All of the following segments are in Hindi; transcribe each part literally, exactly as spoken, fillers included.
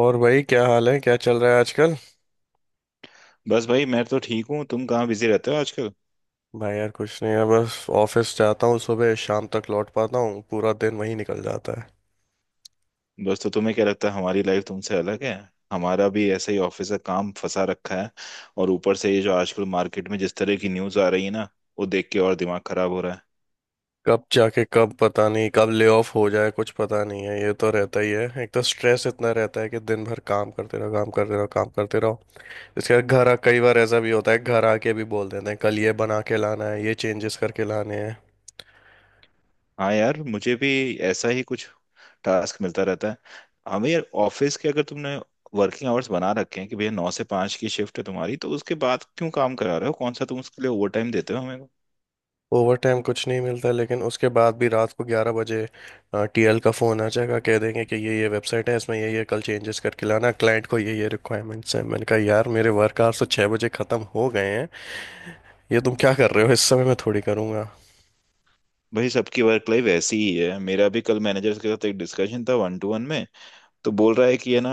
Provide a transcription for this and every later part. और भाई, क्या हाल है? क्या चल रहा है आजकल? बस भाई मैं तो ठीक हूँ। तुम कहाँ बिजी रहते हो आजकल? भाई यार कुछ नहीं है, बस ऑफिस जाता हूँ। सुबह शाम तक लौट पाता हूँ, पूरा दिन वहीं निकल जाता है। बस तो तुम्हें क्या लगता है हमारी लाइफ तुमसे अलग है? हमारा भी ऐसा ही ऑफिस का काम फंसा रखा है। और ऊपर से ये जो आजकल मार्केट में जिस तरह की न्यूज़ आ रही है ना, वो देख के और दिमाग खराब हो रहा है। कब जाके, कब पता नहीं कब ले ऑफ हो जाए, कुछ पता नहीं है, ये तो रहता ही है। एक तो स्ट्रेस इतना रहता है कि दिन भर काम करते रहो, काम करते रहो, काम करते रहो। इसके बाद घर आ, कई बार ऐसा भी होता है, घर आके भी बोल देते हैं कल ये बना के लाना है, ये चेंजेस करके लाने हैं। हाँ यार, मुझे भी ऐसा ही कुछ टास्क मिलता रहता है। हमें यार ऑफिस के, अगर तुमने वर्किंग आवर्स बना रखे हैं कि भैया नौ से पाँच की शिफ्ट है तुम्हारी, तो उसके बाद क्यों काम करा रहे हो? कौन सा तुम उसके लिए ओवर टाइम देते हो हमें। ओवर टाइम कुछ नहीं मिलता, लेकिन उसके बाद भी रात को ग्यारह बजे टी एल का फ़ोन आ जाएगा। कह देंगे कि ये ये वेबसाइट है, इसमें ये ये कल चेंजेस करके लाना, क्लाइंट को ये ये रिक्वायरमेंट्स हैं। मैंने कहा यार, मेरे वर्क आवर्स तो छः बजे ख़त्म हो गए हैं, ये तुम क्या कर रहे हो इस समय? मैं थोड़ी करूँगा। भाई, सबकी वर्क लाइफ ऐसी ही है। मेरा भी कल मैनेजर के साथ एक डिस्कशन था वन टू वन में। तो बोल रहा है कि है ना,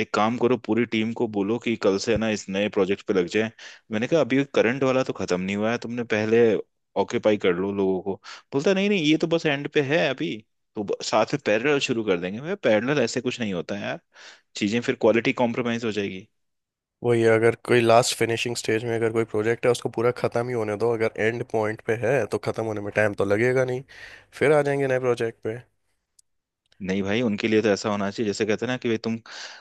एक काम करो, पूरी टीम को बोलो कि कल से है ना इस नए प्रोजेक्ट पे लग जाए। मैंने कहा अभी करंट वाला तो खत्म नहीं हुआ है, तुमने पहले ऑक्यूपाई कर लो लोगों को। बोलता नहीं नहीं, ये तो बस एंड पे है अभी। तो ब- साथ में पैरेलल शुरू कर देंगे। मैं, पैरेलल ऐसे कुछ नहीं होता है यार, चीजें फिर क्वालिटी कॉम्प्रोमाइज हो जाएगी। वही, अगर कोई लास्ट फिनिशिंग स्टेज में अगर कोई प्रोजेक्ट है, उसको पूरा ख़त्म ही होने दो। अगर एंड पॉइंट पे है तो ख़त्म होने में टाइम तो लगेगा नहीं, फिर आ जाएंगे नए प्रोजेक्ट पे। नहीं भाई, उनके लिए तो ऐसा होना चाहिए जैसे कहते हैं ना कि भाई तुम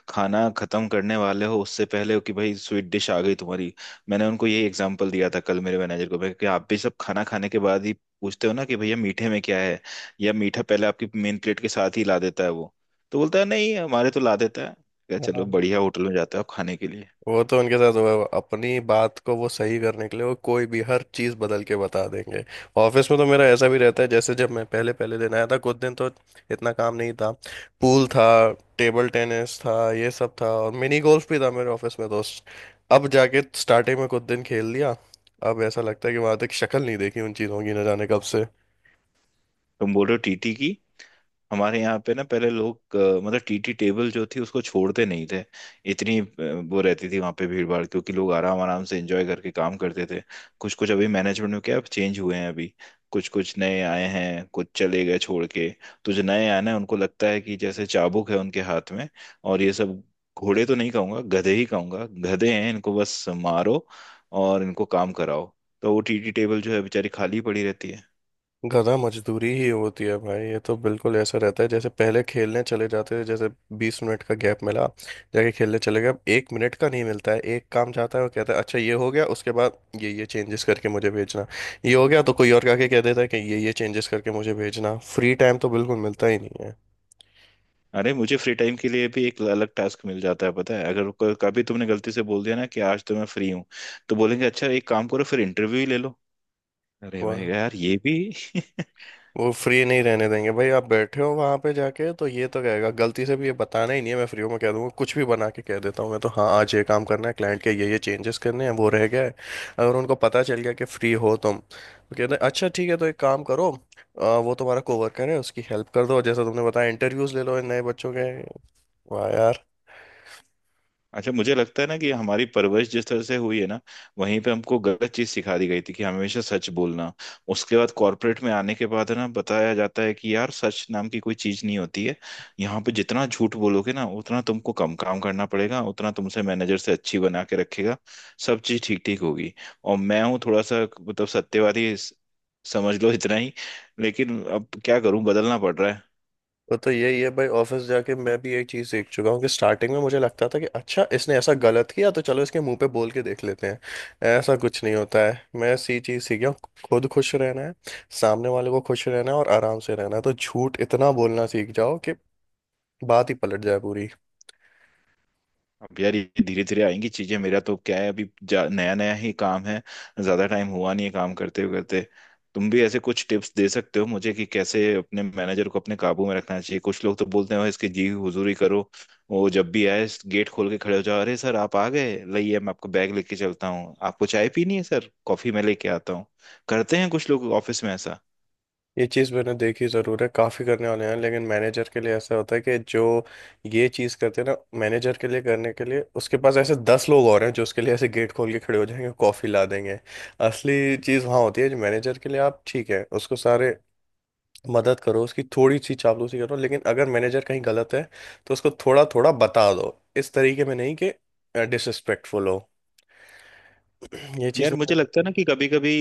खाना खत्म करने वाले हो उससे पहले हो कि भाई स्वीट डिश आ गई तुम्हारी। मैंने उनको ये एग्जांपल दिया था कल मेरे मैनेजर को भाई कि आप भी सब खाना खाने के बाद ही पूछते हो ना कि भैया मीठे में क्या है? या मीठा पहले आपकी मेन प्लेट के साथ ही ला देता है वो? तो बोलता है नहीं हमारे तो ला देता है। क्या, हाँ। चलो बढ़िया होटल में जाता है आप खाने के लिए। वो तो उनके साथ हुआ है, वो अपनी बात को वो सही करने के लिए वो कोई भी हर चीज़ बदल के बता देंगे। ऑफिस में तो मेरा ऐसा भी रहता है, जैसे जब मैं पहले पहले दिन आया था, कुछ दिन तो इतना काम नहीं था। पूल था, टेबल टेनिस था, ये सब था, और मिनी गोल्फ भी था मेरे ऑफिस में, दोस्त। अब जाके स्टार्टिंग में कुछ दिन खेल लिया, अब ऐसा लगता है कि वहां तक शक्ल नहीं देखी उन चीज़ों की, न जाने कब से। तुम बोल रहे हो टीटी की? हमारे यहाँ पे ना पहले लोग अ, मतलब टीटी टेबल जो थी उसको छोड़ते नहीं थे, इतनी अ, वो रहती थी वहाँ पे भीड़ भाड़, क्योंकि लोग आराम आराम से एंजॉय करके काम करते थे। कुछ कुछ अभी मैनेजमेंट में क्या चेंज हुए हैं अभी, कुछ कुछ नए आए हैं, कुछ चले गए छोड़ के। तो जो नए आए ना उनको लगता है कि जैसे चाबुक है उनके हाथ में, और ये सब घोड़े तो नहीं कहूंगा, गधे ही कहूंगा, गधे हैं इनको बस मारो और इनको काम कराओ। तो वो टीटी टेबल जो है बेचारी खाली पड़ी रहती है। गधा मजदूरी ही होती है भाई, ये तो बिल्कुल ऐसा रहता है। जैसे पहले खेलने चले जाते थे, जैसे बीस मिनट का गैप मिला, जाके खेलने चले गए। अब एक मिनट का नहीं मिलता है। एक काम जाता है, वो कहता है अच्छा ये हो गया, उसके बाद ये ये चेंजेस करके मुझे भेजना। ये हो गया तो कोई और आके कह देता है कि ये ये चेंजेस करके मुझे भेजना। फ्री टाइम तो बिल्कुल मिलता ही नहीं है। अरे मुझे फ्री टाइम के लिए भी एक अलग टास्क मिल जाता है, पता है? अगर क- कभी तुमने गलती से बोल दिया ना कि आज तो मैं फ्री हूँ, तो बोलेंगे अच्छा एक काम करो, फिर इंटरव्यू ही ले लो। अरे मैं वाह। कहा, यार ये भी वो फ्री नहीं रहने देंगे भाई। आप बैठे हो वहां पे, जाके तो ये तो कहेगा, गलती से भी ये बताना ही नहीं है मैं फ्री हूँ। मैं कह दूंगा, कुछ भी बना के कह देता हूँ मैं तो, हाँ आज ये काम करना है, क्लाइंट के ये ये चेंजेस करने हैं, वो रह गया है। अगर उनको पता चल गया कि फ्री हो तुम, तो कहते हैं अच्छा ठीक है तो एक काम करो, अ, वो तुम्हारा कोवर्कर है उसकी हेल्प कर दो, जैसा तुमने बताया इंटरव्यूज ले लो इन नए बच्चों के। वाह यार। अच्छा मुझे लगता है ना कि हमारी परवरिश जिस तरह से हुई है ना, वहीं पे हमको गलत चीज सिखा दी गई थी कि हमेशा सच बोलना। उसके बाद कॉर्पोरेट में आने के बाद है ना बताया जाता है कि यार सच नाम की कोई चीज नहीं होती है। यहाँ पे जितना झूठ बोलोगे ना उतना तुमको कम काम करना पड़ेगा, उतना तुमसे मैनेजर से अच्छी बना के रखेगा, सब चीज ठीक ठीक होगी। और मैं हूँ थोड़ा सा मतलब सत्यवादी, समझ लो इतना ही। लेकिन अब क्या करूं, बदलना पड़ रहा है। वो तो यही है भाई, ऑफिस जाके मैं भी एक चीज सीख चुका हूँ कि स्टार्टिंग में मुझे लगता था कि अच्छा इसने ऐसा गलत किया तो चलो इसके मुंह पे बोल के देख लेते हैं। ऐसा कुछ नहीं होता है, मैं सी चीज सीख गया हूँ। खुद खुश रहना है, सामने वाले को खुश रहना है और आराम से रहना है, तो झूठ इतना बोलना सीख जाओ कि बात ही पलट जाए पूरी। अब यार ये धीरे धीरे आएंगी चीजें। मेरा तो क्या है, अभी जा, नया नया ही काम है, ज्यादा टाइम हुआ नहीं है काम करते करते। तुम भी ऐसे कुछ टिप्स दे सकते हो मुझे कि कैसे अपने मैनेजर को अपने काबू में रखना चाहिए? कुछ लोग तो बोलते हैं, "ओए, इसकी जी हुजूरी करो, वो जब भी आए गेट खोल के खड़े हो जाओ, अरे सर आप आ गए, लाइए मैं आपको बैग लेके चलता हूँ, आपको चाय पीनी है सर, कॉफी मैं लेके आता हूँ।" करते हैं कुछ लोग ऑफिस में ऐसा। ये चीज़ मैंने देखी ज़रूर है, काफ़ी करने वाले हैं, लेकिन मैनेजर के लिए ऐसा होता है कि जो ये चीज़ करते हैं ना मैनेजर के लिए, करने के लिए उसके पास ऐसे दस लोग और हैं जो उसके लिए ऐसे गेट खोल के खड़े हो जाएंगे, कॉफ़ी ला देंगे। असली चीज़ वहाँ होती है जो मैनेजर के लिए आप ठीक है उसको सारे मदद करो, उसकी थोड़ी सी चापलूसी करो, लेकिन अगर मैनेजर कहीं गलत है तो उसको थोड़ा थोड़ा बता दो, इस तरीके में नहीं कि डिसरिस्पेक्टफुल हो। ये चीज़ यार मुझे मैंने लगता है ना कि कभी कभी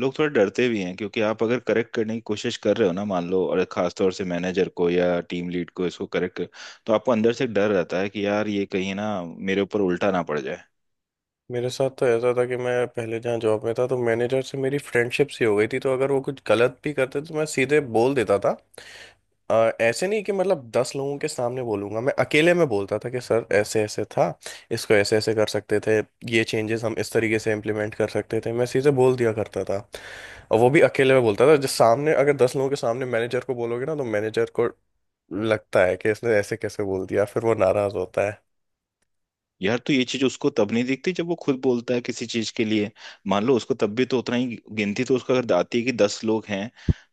लोग थोड़ा डरते भी हैं, क्योंकि आप अगर करेक्ट करने की कोशिश कर रहे हो ना मान लो, और खास तौर से मैनेजर को या टीम लीड को इसको करेक्ट कर, तो आपको अंदर से एक डर रहता है कि यार ये कहीं ना मेरे ऊपर उल्टा ना पड़ जाए। मेरे साथ तो ऐसा था कि मैं पहले जहाँ जॉब में था तो मैनेजर से मेरी फ्रेंडशिप सी हो गई थी, तो अगर वो कुछ गलत भी करते तो मैं सीधे बोल देता था। अ, ऐसे नहीं कि मतलब दस लोगों के सामने बोलूंगा, मैं अकेले में बोलता था कि सर ऐसे ऐसे था, इसको ऐसे ऐसे कर सकते थे, ये चेंजेस हम इस तरीके से इम्प्लीमेंट कर सकते थे। मैं सीधे बोल दिया करता था, और वो भी अकेले में बोलता था। जो सामने, अगर दस लोगों के सामने मैनेजर को बोलोगे ना तो मैनेजर को लगता है कि इसने ऐसे कैसे बोल दिया, फिर वो नाराज होता है। यार, तो ये चीज उसको तब नहीं दिखती जब वो खुद बोलता है किसी चीज के लिए। मान लो उसको तब भी तो उतना ही, गिनती तो उसको अगर आती है कि दस लोग हैं,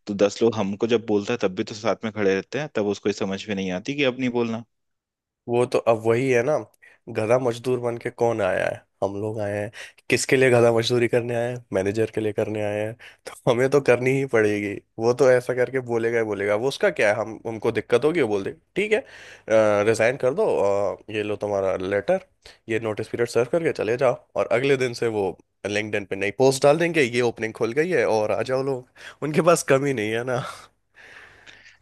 तो दस लोग हमको जब बोलता है तब भी तो साथ में खड़े रहते हैं, तब उसको ये समझ में नहीं आती कि अब नहीं बोलना। वो तो अब वही है ना। गधा मजदूर बन के कौन आया है? हम लोग आए हैं। किसके लिए गधा मजदूरी करने आए हैं? मैनेजर के लिए करने आए हैं, तो हमें तो करनी ही पड़ेगी। वो तो ऐसा करके बोलेगा ही बोलेगा, वो उसका क्या है, हम हमको दिक्कत होगी वो बोल देगा ठीक है रिजाइन कर दो, अ, ये लो तुम्हारा लेटर, ये नोटिस पीरियड सर्व करके चले जाओ। और अगले दिन से वो लिंक्डइन पे नई पोस्ट डाल देंगे, ये ओपनिंग खुल गई है और आ जाओ लोग। उनके पास कमी नहीं है ना।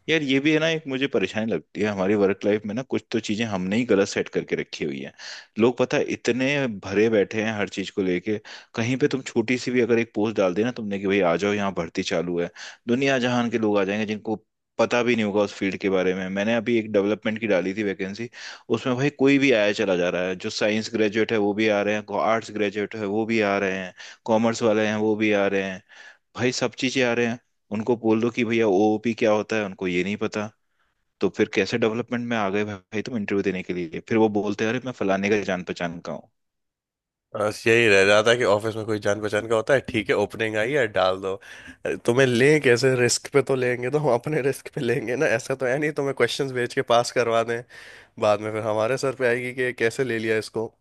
यार ये भी है ना, एक मुझे परेशानी लगती है हमारी वर्क लाइफ में ना, कुछ तो चीजें हमने ही गलत सेट करके रखी हुई हैं। लोग पता है इतने भरे बैठे हैं हर चीज को लेके, कहीं पे तुम छोटी सी भी अगर एक पोस्ट डाल देना तुमने कि भाई आ जाओ यहाँ भर्ती चालू है, दुनिया जहान के लोग आ जाएंगे जिनको पता भी नहीं होगा उस फील्ड के बारे में। मैंने अभी एक डेवलपमेंट की डाली थी वैकेंसी, उसमें भाई कोई भी आया चला जा रहा है। जो साइंस ग्रेजुएट है वो भी आ रहे हैं, आर्ट्स ग्रेजुएट है वो भी आ रहे हैं, कॉमर्स वाले हैं वो भी आ रहे हैं, भाई सब चीजें आ रहे हैं। उनको बोल दो कि भैया ओओपी क्या होता है, उनको ये नहीं पता, तो फिर कैसे डेवलपमेंट में आ गए भाई तुम इंटरव्यू देने के लिए? फिर वो बोलते हैं अरे मैं फलाने का जान पहचान का हूँ। बस यही रह जाता है कि ऑफिस में कोई जान पहचान का होता है, ठीक है ओपनिंग आई है डाल दो। तुम्हें लें कैसे रिस्क पे? तो लेंगे तो हम अपने रिस्क पे लेंगे ना, ऐसा तो है नहीं तुम्हें क्वेश्चंस भेज के पास करवा दें, बाद में फिर हमारे सर पे आएगी कि कैसे ले लिया इसको।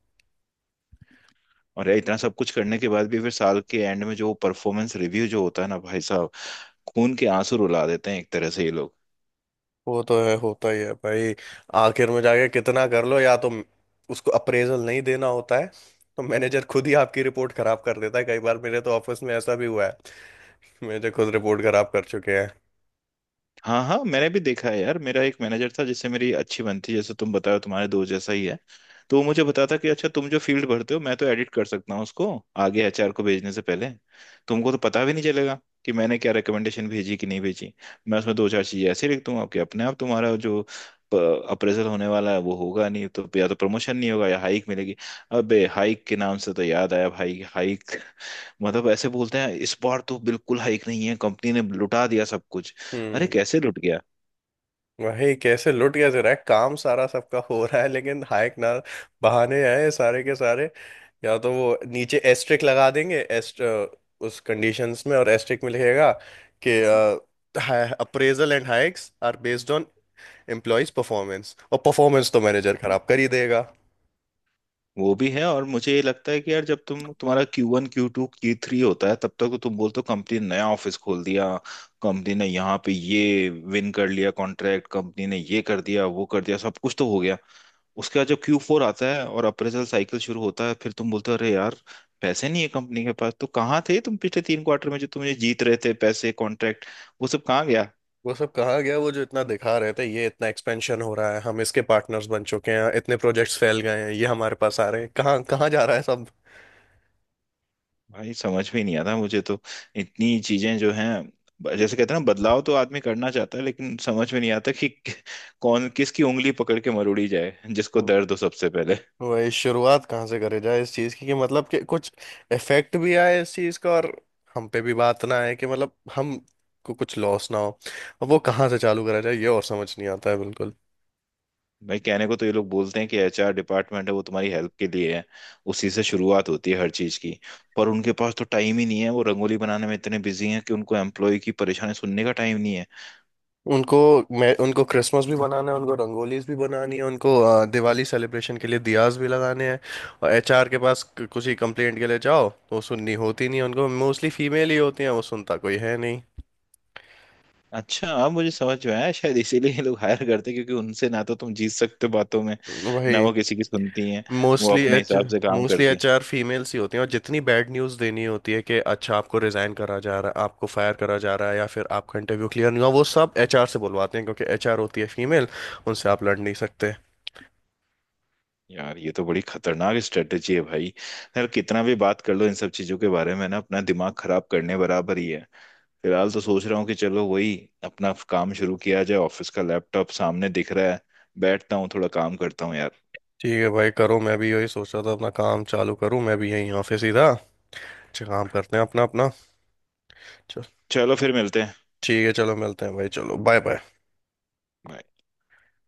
और यार इतना सब कुछ करने के बाद भी फिर साल के एंड में जो परफॉर्मेंस रिव्यू जो होता है ना भाई साहब, खून के आंसू रुला देते हैं एक तरह से ये लोग। वो तो है, होता ही है भाई। आखिर में जाके कितना कर लो, या तो उसको अप्रेजल नहीं देना होता है तो मैनेजर खुद ही आपकी रिपोर्ट खराब कर देता है। कई बार मेरे तो ऑफिस में ऐसा भी हुआ है, मैनेजर खुद रिपोर्ट खराब कर चुके हैं। हाँ हाँ, मैंने भी देखा है यार। मेरा एक मैनेजर था जिससे मेरी अच्छी बनती है, जैसे तुम बताओ तुम्हारे दोस्त जैसा ही है। तो वो मुझे बताता कि अच्छा तुम जो फील्ड भरते हो मैं तो एडिट कर सकता हूँ उसको आगे एचआर को भेजने से पहले, तुमको तो पता भी नहीं चलेगा कि मैंने क्या रिकमेंडेशन भेजी कि नहीं भेजी। मैं उसमें दो चार चीजें ऐसे लिख दूंगा कि अपने आप तुम्हारा जो अप्रेजल होने वाला है वो होगा नहीं, तो या तो प्रमोशन नहीं होगा या हाइक मिलेगी। अबे हाइक के नाम से तो याद आया भाई, हाइक मतलब ऐसे बोलते हैं इस बार तो बिल्कुल हाइक नहीं है, कंपनी ने लुटा दिया सब कुछ। अरे हम्म। कैसे लुट गया? भाई कैसे लुट, कैसे रहा है, काम सारा सबका हो रहा है लेकिन हाइक ना। बहाने आए सारे के सारे, या तो वो नीचे एस्ट्रिक लगा देंगे, एस्ट उस कंडीशंस में और एस्ट्रिक में लिखेगा कि appraisal and hikes are based on employees performance, और परफॉर्मेंस तो मैनेजर खराब कर ही देगा। वो भी है, और मुझे ये लगता है कि यार जब तुम तुम्हारा Q one Q two Q three होता है तब तक तो तुम बोलते हो कंपनी ने नया ऑफिस खोल दिया, कंपनी ने यहाँ पे ये विन कर लिया कॉन्ट्रैक्ट, कंपनी ने ये कर दिया वो कर दिया, सब कुछ तो हो गया। उसके बाद जब क्यू फोर आता है और अप्रेजल साइकिल शुरू होता है, फिर तुम बोलते हो अरे यार पैसे नहीं है कंपनी के पास। तो कहाँ थे तुम पिछले तीन क्वार्टर में जो तुम ये जीत रहे थे पैसे कॉन्ट्रैक्ट, वो सब कहाँ गया? वो सब कहाँ गया? वो जो इतना दिखा रहे थे ये इतना एक्सपेंशन हो रहा है, हम इसके पार्टनर्स बन चुके हैं, इतने प्रोजेक्ट्स फैल गए हैं ये हमारे पास आ रहे हैं, कहाँ कहाँ जा रहा है सब? भाई समझ में नहीं आता मुझे तो, इतनी चीजें जो हैं ब- जैसे कहते हैं ना बदलाव तो आदमी करना चाहता है, लेकिन समझ में नहीं आता कि कि- कौन किसकी उंगली पकड़ के मरोड़ी जाए जिसको दर्द हो सबसे पहले। वही शुरुआत कहाँ से करे जाए इस चीज की, कि मतलब कि कुछ इफेक्ट भी आए इस चीज का, और हम पे भी बात ना आए, कि मतलब हम को कुछ लॉस ना हो। अब वो कहाँ से चालू करा जाए ये, और समझ नहीं आता है बिल्कुल। भाई, कहने को तो ये लोग बोलते हैं कि एचआर डिपार्टमेंट है वो तुम्हारी हेल्प के लिए है, उसी से शुरुआत होती है हर चीज की, पर उनके पास तो टाइम ही नहीं है। वो रंगोली बनाने में इतने बिजी हैं कि उनको एम्प्लॉय की परेशानी सुनने का टाइम नहीं है। उनको मैं उनको क्रिसमस भी बनाना है, उनको रंगोलीज भी बनानी है, उनको अ, दिवाली सेलिब्रेशन के लिए दियाज भी लगाने हैं। और एच आर के पास क- कुछ ही कंप्लेंट के लिए जाओ तो वो सुननी होती नहीं है उनको, मोस्टली फीमेल ही होती हैं, वो सुनता कोई है नहीं। अच्छा, अब मुझे समझ में आया शायद इसीलिए ये लोग हायर करते हैं, क्योंकि उनसे ना तो तुम जीत सकते हो बातों में, ना वही, वो किसी की सुनती हैं, वो मोस्टली अपने एच हिसाब से काम मोस्टली करती हैं। एच आर फीमेल्स ही होती हैं, और जितनी बैड न्यूज़ देनी होती है कि अच्छा आपको रिजाइन करा जा रहा है, आपको फायर करा जा रहा है, या फिर आपका इंटरव्यू क्लियर नहीं हुआ, वो सब एच आर से बुलवाते हैं, क्योंकि एच आर होती है फीमेल, उनसे आप लड़ नहीं सकते। यार ये तो बड़ी खतरनाक स्ट्रेटेजी है भाई। यार कितना भी बात कर लो इन सब चीजों के बारे में ना, अपना दिमाग खराब करने बराबर ही है। फिलहाल तो सोच रहा हूँ कि चलो वही अपना काम शुरू किया जाए, ऑफिस का लैपटॉप सामने दिख रहा है। बैठता हूँ थोड़ा काम करता हूँ यार। ठीक है भाई, करो। मैं भी यही सोच रहा था अपना काम चालू करूं, मैं भी यहीं ऑफिस ही था। अच्छा, काम करते हैं अपना अपना। चल। चलो फिर मिलते हैं। ठीक है, चलो मिलते हैं भाई, चलो, बाय बाय। Bye.